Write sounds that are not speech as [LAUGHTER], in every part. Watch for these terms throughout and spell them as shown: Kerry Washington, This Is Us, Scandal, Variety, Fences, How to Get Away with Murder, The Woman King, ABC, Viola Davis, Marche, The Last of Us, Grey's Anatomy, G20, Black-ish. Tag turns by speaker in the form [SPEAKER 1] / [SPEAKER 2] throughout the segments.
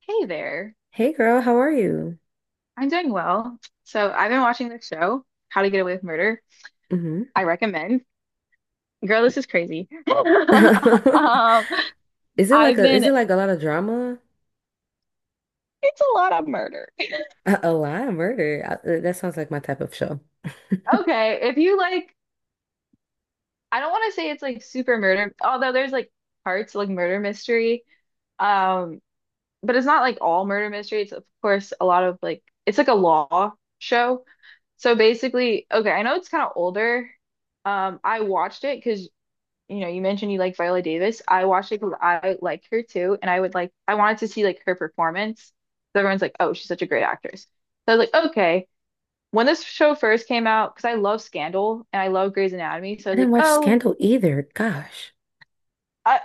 [SPEAKER 1] Hey there.
[SPEAKER 2] Hey girl, how are you?
[SPEAKER 1] I'm doing well. So I've been watching this show, How to Get Away with Murder.
[SPEAKER 2] Hmm.
[SPEAKER 1] I recommend. Girl, this is crazy. [LAUGHS]
[SPEAKER 2] [LAUGHS]
[SPEAKER 1] Um,
[SPEAKER 2] Is it like
[SPEAKER 1] I've
[SPEAKER 2] a is
[SPEAKER 1] been,
[SPEAKER 2] it like a lot of drama?
[SPEAKER 1] it's a lot of murder.
[SPEAKER 2] A lot of murder. That sounds like my type of show. [LAUGHS] I
[SPEAKER 1] Okay, if you like, I don't want to say it's like super murder, although there's like parts like murder mystery. Um, but it's not like all murder mystery. It's of course a lot of like it's like a law show. So basically, okay, I know it's kind of older. I watched it because you mentioned you like Viola Davis. I watched it because I like her too, and I would like I wanted to see like her performance. So everyone's like, "Oh, she's such a great actress." So I was like, "Okay." When this show first came out, because I love Scandal and I love Grey's Anatomy, so I was
[SPEAKER 2] didn't
[SPEAKER 1] like,
[SPEAKER 2] watch
[SPEAKER 1] "Oh,
[SPEAKER 2] Scandal either. Gosh.
[SPEAKER 1] I,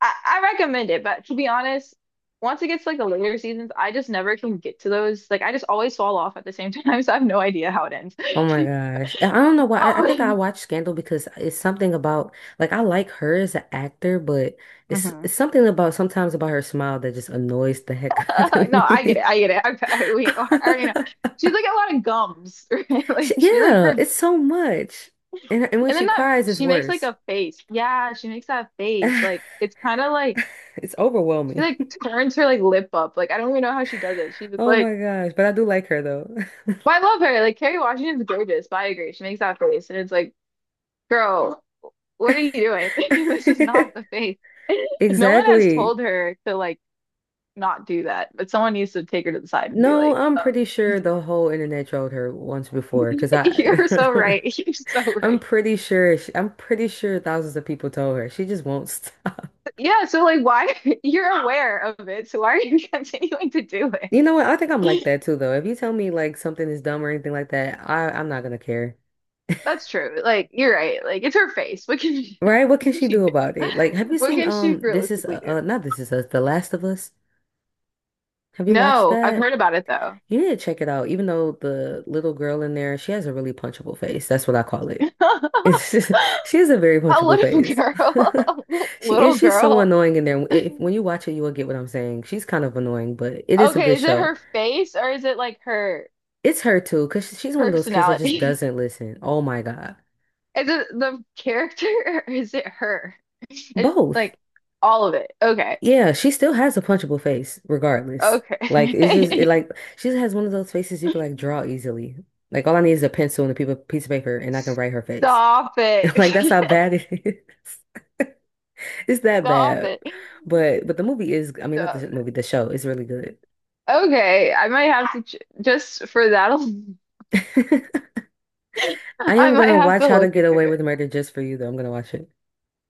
[SPEAKER 1] I recommend it." But to be honest, once it gets to, like the later seasons, I just never can get to those. Like I just always fall off at the same time, [LAUGHS] so I have no idea how it ends.
[SPEAKER 2] Oh
[SPEAKER 1] [LAUGHS]
[SPEAKER 2] my gosh. I don't know why. I think I
[SPEAKER 1] Um,
[SPEAKER 2] watched Scandal because it's something about like I like her as an actor, but it's
[SPEAKER 1] mhm.
[SPEAKER 2] it's something about sometimes about her smile that just annoys the heck
[SPEAKER 1] [LAUGHS]
[SPEAKER 2] [LAUGHS] out of
[SPEAKER 1] No, I get it.
[SPEAKER 2] me.
[SPEAKER 1] I get it. Okay, we I already know.
[SPEAKER 2] [LAUGHS]
[SPEAKER 1] She's like a lot of gums, right? [LAUGHS]
[SPEAKER 2] She-
[SPEAKER 1] Like she like her,
[SPEAKER 2] yeah,
[SPEAKER 1] and
[SPEAKER 2] it's so much. And when she
[SPEAKER 1] then that
[SPEAKER 2] cries, it's
[SPEAKER 1] she makes like
[SPEAKER 2] worse.
[SPEAKER 1] a face. Yeah, she makes that face.
[SPEAKER 2] [LAUGHS]
[SPEAKER 1] Like it's kind of like
[SPEAKER 2] It's
[SPEAKER 1] she
[SPEAKER 2] overwhelming.
[SPEAKER 1] like turns her like lip up. Like I don't even know how she does it. She's just
[SPEAKER 2] Oh my
[SPEAKER 1] like,
[SPEAKER 2] gosh, but I do like her though.
[SPEAKER 1] but I love her. Like Kerry Washington's gorgeous, but I agree. She makes that face, and it's like, girl, what are you doing? [LAUGHS] This is not
[SPEAKER 2] [LAUGHS]
[SPEAKER 1] the face. [LAUGHS] No one has
[SPEAKER 2] Exactly.
[SPEAKER 1] told her to like not do that, but someone needs to take her to the side and be
[SPEAKER 2] No,
[SPEAKER 1] like,
[SPEAKER 2] I'm
[SPEAKER 1] oh.
[SPEAKER 2] pretty
[SPEAKER 1] [LAUGHS]
[SPEAKER 2] sure the whole internet trolled her once before because
[SPEAKER 1] [LAUGHS]
[SPEAKER 2] I
[SPEAKER 1] You're so right. [LAUGHS] You're so
[SPEAKER 2] [LAUGHS] I'm
[SPEAKER 1] right.
[SPEAKER 2] pretty sure she, I'm pretty sure thousands of people told her. She just won't stop. [LAUGHS]
[SPEAKER 1] Yeah, so like why [LAUGHS] you're aware of it, so why are you [LAUGHS] continuing to do
[SPEAKER 2] You know what? I think I'm like
[SPEAKER 1] it? [LAUGHS]
[SPEAKER 2] that too though. If you tell me like something is dumb or anything like that, I'm not gonna care.
[SPEAKER 1] That's true. Like you're right. Like it's her face. What can she,
[SPEAKER 2] Right?
[SPEAKER 1] [LAUGHS]
[SPEAKER 2] What
[SPEAKER 1] what
[SPEAKER 2] can
[SPEAKER 1] can
[SPEAKER 2] she
[SPEAKER 1] she
[SPEAKER 2] do
[SPEAKER 1] do?
[SPEAKER 2] about it? Like, have
[SPEAKER 1] [LAUGHS]
[SPEAKER 2] you
[SPEAKER 1] What
[SPEAKER 2] seen
[SPEAKER 1] can she
[SPEAKER 2] This Is
[SPEAKER 1] realistically do?
[SPEAKER 2] not This Is Us, The Last of Us? Have you watched
[SPEAKER 1] No, I've
[SPEAKER 2] that?
[SPEAKER 1] heard about it though.
[SPEAKER 2] You need to check it out. Even though the little girl in there, she has a really punchable face. That's what I call it. It's just, [LAUGHS] she has a very
[SPEAKER 1] [LAUGHS] A
[SPEAKER 2] punchable
[SPEAKER 1] little
[SPEAKER 2] face.
[SPEAKER 1] girl.
[SPEAKER 2] [LAUGHS]
[SPEAKER 1] [LAUGHS]
[SPEAKER 2] She
[SPEAKER 1] Little
[SPEAKER 2] is. She's so
[SPEAKER 1] girl.
[SPEAKER 2] annoying in there. If, when you watch it, you will get what I'm saying. She's kind of annoying, but it is a
[SPEAKER 1] Okay,
[SPEAKER 2] good
[SPEAKER 1] is it
[SPEAKER 2] show.
[SPEAKER 1] her face or is it like her
[SPEAKER 2] It's her too, because she's one of those kids that just
[SPEAKER 1] personality? [LAUGHS]
[SPEAKER 2] doesn't listen. Oh my God.
[SPEAKER 1] Is it the character [LAUGHS] or is it her? It,
[SPEAKER 2] Both.
[SPEAKER 1] like all of it. Okay.
[SPEAKER 2] Yeah, she still has a punchable face, regardless. Like it's just it
[SPEAKER 1] Okay.
[SPEAKER 2] like she just has one of those faces you can like draw
[SPEAKER 1] [LAUGHS]
[SPEAKER 2] easily. Like all I need is a pencil and a piece of paper, and I can write her face.
[SPEAKER 1] Stop
[SPEAKER 2] [LAUGHS]
[SPEAKER 1] it.
[SPEAKER 2] Like that's how bad it is. [LAUGHS] It's
[SPEAKER 1] [LAUGHS]
[SPEAKER 2] that
[SPEAKER 1] Stop
[SPEAKER 2] bad.
[SPEAKER 1] it.
[SPEAKER 2] But the movie is, I mean, not the
[SPEAKER 1] Stop it.
[SPEAKER 2] movie, the show is really good.
[SPEAKER 1] Okay, I might have to ch just for that alone,
[SPEAKER 2] [LAUGHS] I
[SPEAKER 1] [LAUGHS] I
[SPEAKER 2] am
[SPEAKER 1] might
[SPEAKER 2] gonna
[SPEAKER 1] have
[SPEAKER 2] watch
[SPEAKER 1] to
[SPEAKER 2] How to
[SPEAKER 1] look
[SPEAKER 2] Get
[SPEAKER 1] into
[SPEAKER 2] Away with
[SPEAKER 1] it.
[SPEAKER 2] Murder just for you, though. I'm gonna watch it.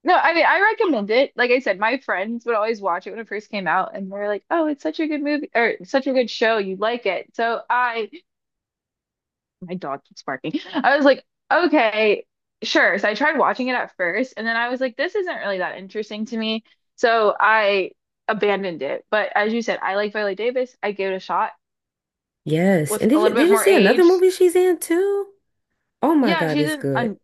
[SPEAKER 1] No, I mean I recommend it. Like I said, my friends would always watch it when it first came out and they're like, "Oh, it's such a good movie or such a good show. You like it." So I my dog keeps barking. I was like, okay, sure. So I tried watching it at first, and then I was like, this isn't really that interesting to me. So I abandoned it. But as you said, I like Viola Davis. I gave it a shot
[SPEAKER 2] Yes.
[SPEAKER 1] with
[SPEAKER 2] And
[SPEAKER 1] a
[SPEAKER 2] did you
[SPEAKER 1] little
[SPEAKER 2] did
[SPEAKER 1] bit
[SPEAKER 2] you
[SPEAKER 1] more
[SPEAKER 2] see another
[SPEAKER 1] age.
[SPEAKER 2] movie she's in too? Oh my
[SPEAKER 1] Yeah,
[SPEAKER 2] God,
[SPEAKER 1] she's
[SPEAKER 2] it's
[SPEAKER 1] in.
[SPEAKER 2] good.
[SPEAKER 1] Un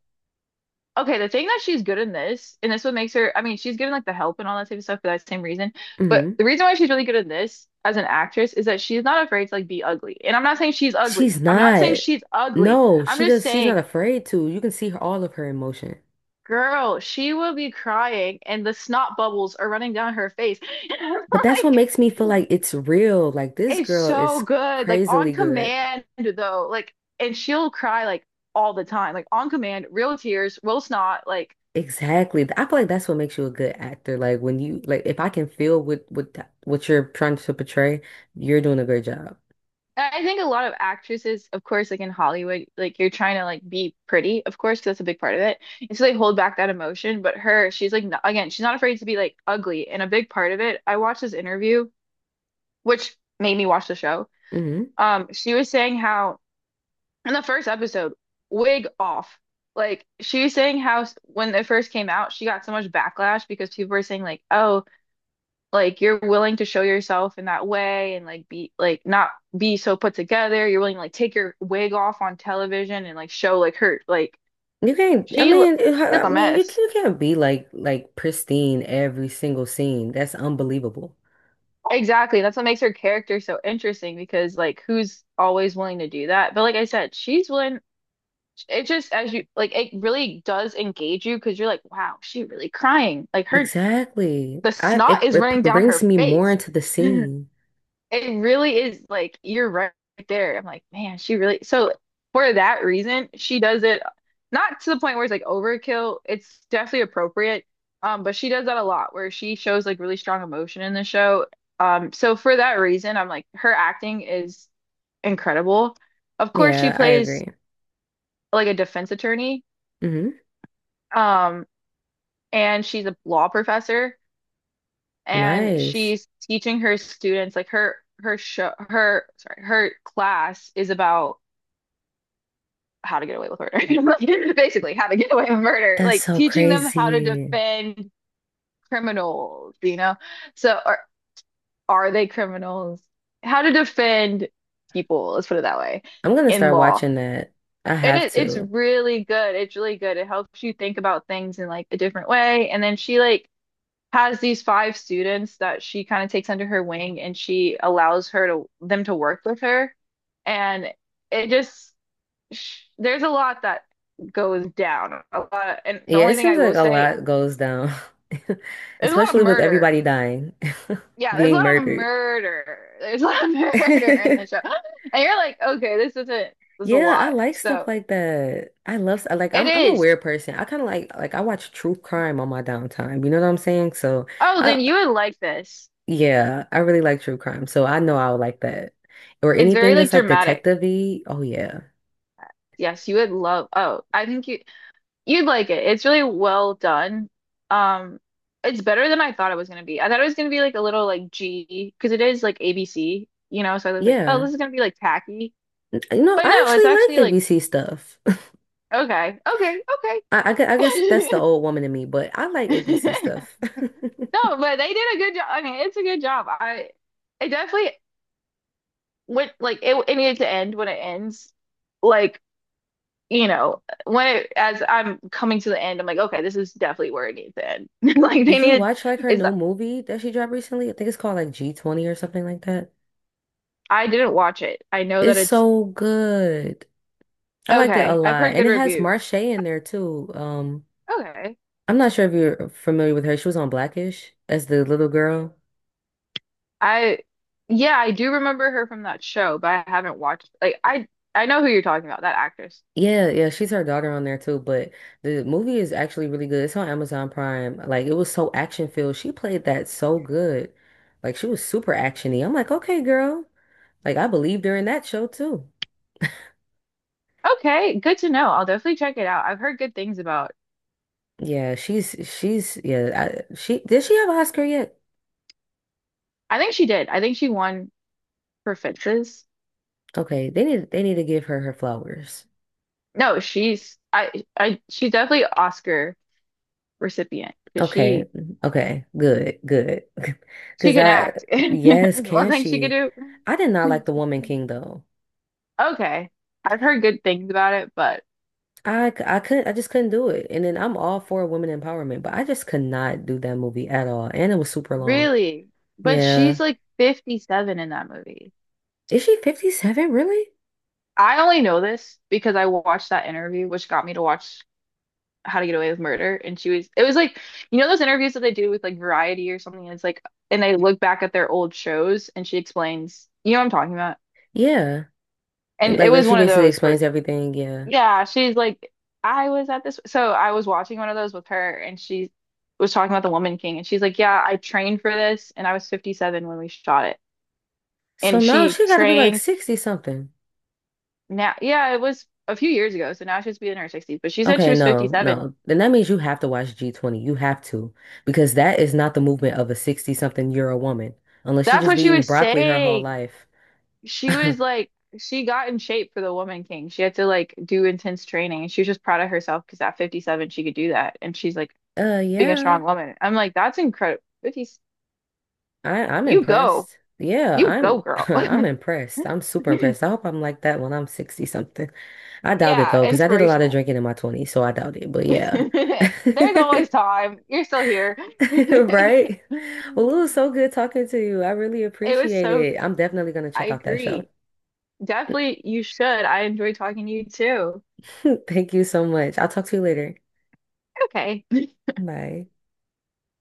[SPEAKER 1] okay, the thing that she's good in this, and this what makes her, I mean, she's given like the help and all that type of stuff for that same reason. But
[SPEAKER 2] Hmm.
[SPEAKER 1] the reason why she's really good in this as an actress is that she's not afraid to like be ugly. And I'm not saying she's ugly.
[SPEAKER 2] She's
[SPEAKER 1] I'm not saying
[SPEAKER 2] not.
[SPEAKER 1] she's ugly.
[SPEAKER 2] No,
[SPEAKER 1] I'm
[SPEAKER 2] she
[SPEAKER 1] just
[SPEAKER 2] does. She's not
[SPEAKER 1] saying
[SPEAKER 2] afraid to. You can see her, all of her emotion.
[SPEAKER 1] girl, she will be crying and the snot bubbles are running down her face. [LAUGHS] And I'm
[SPEAKER 2] But that's what
[SPEAKER 1] like,
[SPEAKER 2] makes me feel like it's real. Like this
[SPEAKER 1] it's
[SPEAKER 2] girl
[SPEAKER 1] so
[SPEAKER 2] is
[SPEAKER 1] good. Like,
[SPEAKER 2] crazily
[SPEAKER 1] on
[SPEAKER 2] good.
[SPEAKER 1] command, though. Like, and she'll cry like all the time. Like, on command, real tears, real snot. Like,
[SPEAKER 2] Exactly. I feel like that's what makes you a good actor. Like when you like if I can feel what what you're trying to portray, you're doing a great job.
[SPEAKER 1] and I think a lot of actresses, of course, like in Hollywood, like you're trying to like be pretty, of course, 'cause that's a big part of it. And so they hold back that emotion. But her, she's like, not, again, she's not afraid to be like ugly. And a big part of it, I watched this interview, which made me watch the show.
[SPEAKER 2] Hmm.
[SPEAKER 1] She was saying how in the first episode, wig off. Like she was saying how s- when it first came out, she got so much backlash because people were saying like, "Oh, like you're willing to show yourself in that way and like be like not be so put together. You're willing to like take your wig off on television and like show like her like
[SPEAKER 2] You can't. I
[SPEAKER 1] she l-
[SPEAKER 2] mean,
[SPEAKER 1] she's
[SPEAKER 2] I
[SPEAKER 1] a
[SPEAKER 2] mean,
[SPEAKER 1] mess."
[SPEAKER 2] you can't be like pristine every single scene. That's unbelievable.
[SPEAKER 1] Exactly. That's what makes her character so interesting because like who's always willing to do that? But like I said, she's willing it just as you like it really does engage you because you're like wow she really crying like her
[SPEAKER 2] Exactly.
[SPEAKER 1] the
[SPEAKER 2] I
[SPEAKER 1] snot
[SPEAKER 2] it,
[SPEAKER 1] is running down
[SPEAKER 2] brings
[SPEAKER 1] her
[SPEAKER 2] me more
[SPEAKER 1] face.
[SPEAKER 2] into the
[SPEAKER 1] [LAUGHS]
[SPEAKER 2] scene.
[SPEAKER 1] It really is like you're right there. I'm like, man, she really so for that reason, she does it not to the point where it's like overkill. It's definitely appropriate. But she does that a lot where she shows like really strong emotion in the show. So for that reason, I'm like her acting is incredible. Of course, she
[SPEAKER 2] Yeah, I
[SPEAKER 1] plays
[SPEAKER 2] agree.
[SPEAKER 1] like a defense attorney.
[SPEAKER 2] Hmm.
[SPEAKER 1] Um, and she's a law professor. And
[SPEAKER 2] Nice.
[SPEAKER 1] she's teaching her students like her her show her sorry her class is about how to get away with murder [LAUGHS] basically how to get away with murder
[SPEAKER 2] That's
[SPEAKER 1] like
[SPEAKER 2] so
[SPEAKER 1] teaching them how to
[SPEAKER 2] crazy.
[SPEAKER 1] defend criminals, you know. So are they criminals how to defend people, let's put it that way,
[SPEAKER 2] I'm gonna
[SPEAKER 1] in
[SPEAKER 2] start
[SPEAKER 1] law.
[SPEAKER 2] watching that. I
[SPEAKER 1] And
[SPEAKER 2] have
[SPEAKER 1] it it's
[SPEAKER 2] to.
[SPEAKER 1] really good, it's really good. It helps you think about things in like a different way, and then she like has these five students that she kind of takes under her wing and she allows her to them to work with her. And it just sh there's a lot that goes down. A lot, and the
[SPEAKER 2] Yeah,
[SPEAKER 1] only
[SPEAKER 2] it
[SPEAKER 1] thing I
[SPEAKER 2] seems like
[SPEAKER 1] will
[SPEAKER 2] a
[SPEAKER 1] say,
[SPEAKER 2] lot goes down, [LAUGHS]
[SPEAKER 1] there's a lot of
[SPEAKER 2] especially with
[SPEAKER 1] murder.
[SPEAKER 2] everybody dying, [LAUGHS]
[SPEAKER 1] Yeah, there's a
[SPEAKER 2] being
[SPEAKER 1] lot of
[SPEAKER 2] murdered.
[SPEAKER 1] murder. There's a lot of [LAUGHS] murder in the show.
[SPEAKER 2] [LAUGHS]
[SPEAKER 1] And you're like, okay, this isn't this is a
[SPEAKER 2] Yeah, I
[SPEAKER 1] lot.
[SPEAKER 2] like stuff
[SPEAKER 1] So
[SPEAKER 2] like that. I love like
[SPEAKER 1] it
[SPEAKER 2] I'm a
[SPEAKER 1] is.
[SPEAKER 2] weird person. I kind of like I watch true crime on my downtime. You know what I'm saying? So.
[SPEAKER 1] Oh,
[SPEAKER 2] I
[SPEAKER 1] then you would like this.
[SPEAKER 2] yeah, I really like true crime, so I know I would like that. Or
[SPEAKER 1] It's
[SPEAKER 2] anything
[SPEAKER 1] very like
[SPEAKER 2] that's like
[SPEAKER 1] dramatic.
[SPEAKER 2] detective-y. Oh yeah.
[SPEAKER 1] Yes, you would love. Oh, I think you you'd like it. It's really well done. Um, it's better than I thought it was gonna be. I thought it was gonna be like a little like G because it is like ABC, you know. So I was like, oh, this
[SPEAKER 2] Yeah.
[SPEAKER 1] is gonna be like tacky,
[SPEAKER 2] You know,
[SPEAKER 1] but
[SPEAKER 2] I
[SPEAKER 1] no, it's
[SPEAKER 2] actually
[SPEAKER 1] actually
[SPEAKER 2] like
[SPEAKER 1] like
[SPEAKER 2] ABC stuff. [LAUGHS]
[SPEAKER 1] okay, okay, okay.
[SPEAKER 2] I guess that's the old woman in me, but I like ABC
[SPEAKER 1] [LAUGHS]
[SPEAKER 2] stuff.
[SPEAKER 1] No, but they did a good job. I mean, it's a good job. I it definitely went like it needed to end when it ends. Like, you know, when it as I'm coming to the end, I'm like, okay, this is definitely where it needs to end. [LAUGHS]
[SPEAKER 2] [LAUGHS]
[SPEAKER 1] Like they
[SPEAKER 2] Did you
[SPEAKER 1] needed.
[SPEAKER 2] watch like her
[SPEAKER 1] It's
[SPEAKER 2] new movie that she dropped recently? I think it's called like G20 or something like that.
[SPEAKER 1] I didn't watch it. I know that
[SPEAKER 2] It's
[SPEAKER 1] it's
[SPEAKER 2] so good. I liked it a
[SPEAKER 1] okay. I've
[SPEAKER 2] lot.
[SPEAKER 1] heard
[SPEAKER 2] And
[SPEAKER 1] good
[SPEAKER 2] it has
[SPEAKER 1] reviews.
[SPEAKER 2] Marche in there too.
[SPEAKER 1] Okay.
[SPEAKER 2] I'm not sure if you're familiar with her. She was on Blackish as the little girl.
[SPEAKER 1] I yeah, I do remember her from that show, but I haven't watched like I know who you're talking about, that actress.
[SPEAKER 2] Yeah, yeah, she's her daughter on there too, but the movie is actually really good. It's on Amazon Prime. Like it was so action filled. She played that so good. Like she was super actiony. I'm like, okay, girl. Like I believed her in that show too.
[SPEAKER 1] Okay, good to know. I'll definitely check it out. I've heard good things about.
[SPEAKER 2] Yeah, she's yeah, I, she did she have an Oscar yet?
[SPEAKER 1] I think she did. I think she won for Fences.
[SPEAKER 2] Okay, they need to give her her flowers.
[SPEAKER 1] No, she's I she's definitely Oscar recipient because
[SPEAKER 2] Okay. Okay. Good. Good. [LAUGHS]
[SPEAKER 1] she
[SPEAKER 2] Because
[SPEAKER 1] can
[SPEAKER 2] I
[SPEAKER 1] act. [LAUGHS]
[SPEAKER 2] yes,
[SPEAKER 1] One
[SPEAKER 2] can
[SPEAKER 1] thing she could
[SPEAKER 2] she?
[SPEAKER 1] do.
[SPEAKER 2] I did not like The Woman King though.
[SPEAKER 1] Okay. I've heard good things about it, but
[SPEAKER 2] I couldn't I just couldn't do it. And then I'm all for women empowerment, but I just could not do that movie at all. And it was super long.
[SPEAKER 1] really? But
[SPEAKER 2] Yeah.
[SPEAKER 1] she's like 57 in that movie.
[SPEAKER 2] Is she 57 really?
[SPEAKER 1] I only know this because I watched that interview, which got me to watch How to Get Away with Murder. And she was, it was like, you know, those interviews that they do with like Variety or something. And it's like, and they look back at their old shows and she explains, you know what I'm talking about?
[SPEAKER 2] Yeah.
[SPEAKER 1] And
[SPEAKER 2] And,
[SPEAKER 1] it
[SPEAKER 2] like
[SPEAKER 1] was
[SPEAKER 2] she
[SPEAKER 1] one of
[SPEAKER 2] basically
[SPEAKER 1] those where,
[SPEAKER 2] explains everything, yeah.
[SPEAKER 1] yeah, she's like, I was at this. So I was watching one of those with her and she was talking about The Woman King. And she's like, yeah, I trained for this and I was 57 when we shot it
[SPEAKER 2] So
[SPEAKER 1] and
[SPEAKER 2] now
[SPEAKER 1] she
[SPEAKER 2] she got to be like
[SPEAKER 1] trained
[SPEAKER 2] 60 something.
[SPEAKER 1] now, yeah, it was a few years ago, so now she's be in her 60s, but she said she
[SPEAKER 2] Okay,
[SPEAKER 1] was
[SPEAKER 2] no,
[SPEAKER 1] 57.
[SPEAKER 2] no. Then that means you have to watch G20. You have to because that is not the movement of a 60 something year old woman unless she
[SPEAKER 1] That's
[SPEAKER 2] just
[SPEAKER 1] what
[SPEAKER 2] be
[SPEAKER 1] she
[SPEAKER 2] eating
[SPEAKER 1] was
[SPEAKER 2] broccoli her whole
[SPEAKER 1] saying.
[SPEAKER 2] life.
[SPEAKER 1] She was
[SPEAKER 2] [LAUGHS]
[SPEAKER 1] like, she got in shape for the Woman King. She had to like do intense training, and she was just proud of herself because at 57 she could do that, and she's like being a
[SPEAKER 2] Yeah.
[SPEAKER 1] strong woman. I'm like, that's incredible. 50,
[SPEAKER 2] I'm
[SPEAKER 1] you go,
[SPEAKER 2] impressed. Yeah,
[SPEAKER 1] you go,
[SPEAKER 2] I'm [LAUGHS]
[SPEAKER 1] girl.
[SPEAKER 2] I'm impressed. I'm super
[SPEAKER 1] [LAUGHS]
[SPEAKER 2] impressed. I hope I'm like that when I'm 60 something. I doubt it
[SPEAKER 1] Yeah,
[SPEAKER 2] though, because I did a lot of
[SPEAKER 1] inspirational.
[SPEAKER 2] drinking in my 20s, so I doubt it. But
[SPEAKER 1] [LAUGHS]
[SPEAKER 2] yeah.
[SPEAKER 1] There's
[SPEAKER 2] [LAUGHS]
[SPEAKER 1] always time. You're still here. [LAUGHS]
[SPEAKER 2] Right? Well, it was so good talking to you. I really
[SPEAKER 1] It was
[SPEAKER 2] appreciate
[SPEAKER 1] so,
[SPEAKER 2] it. I'm definitely gonna
[SPEAKER 1] I
[SPEAKER 2] check out that show.
[SPEAKER 1] agree. Definitely you should. I enjoy talking to you too.
[SPEAKER 2] [LAUGHS] Thank you so much. I'll talk to you later.
[SPEAKER 1] Okay.
[SPEAKER 2] Bye.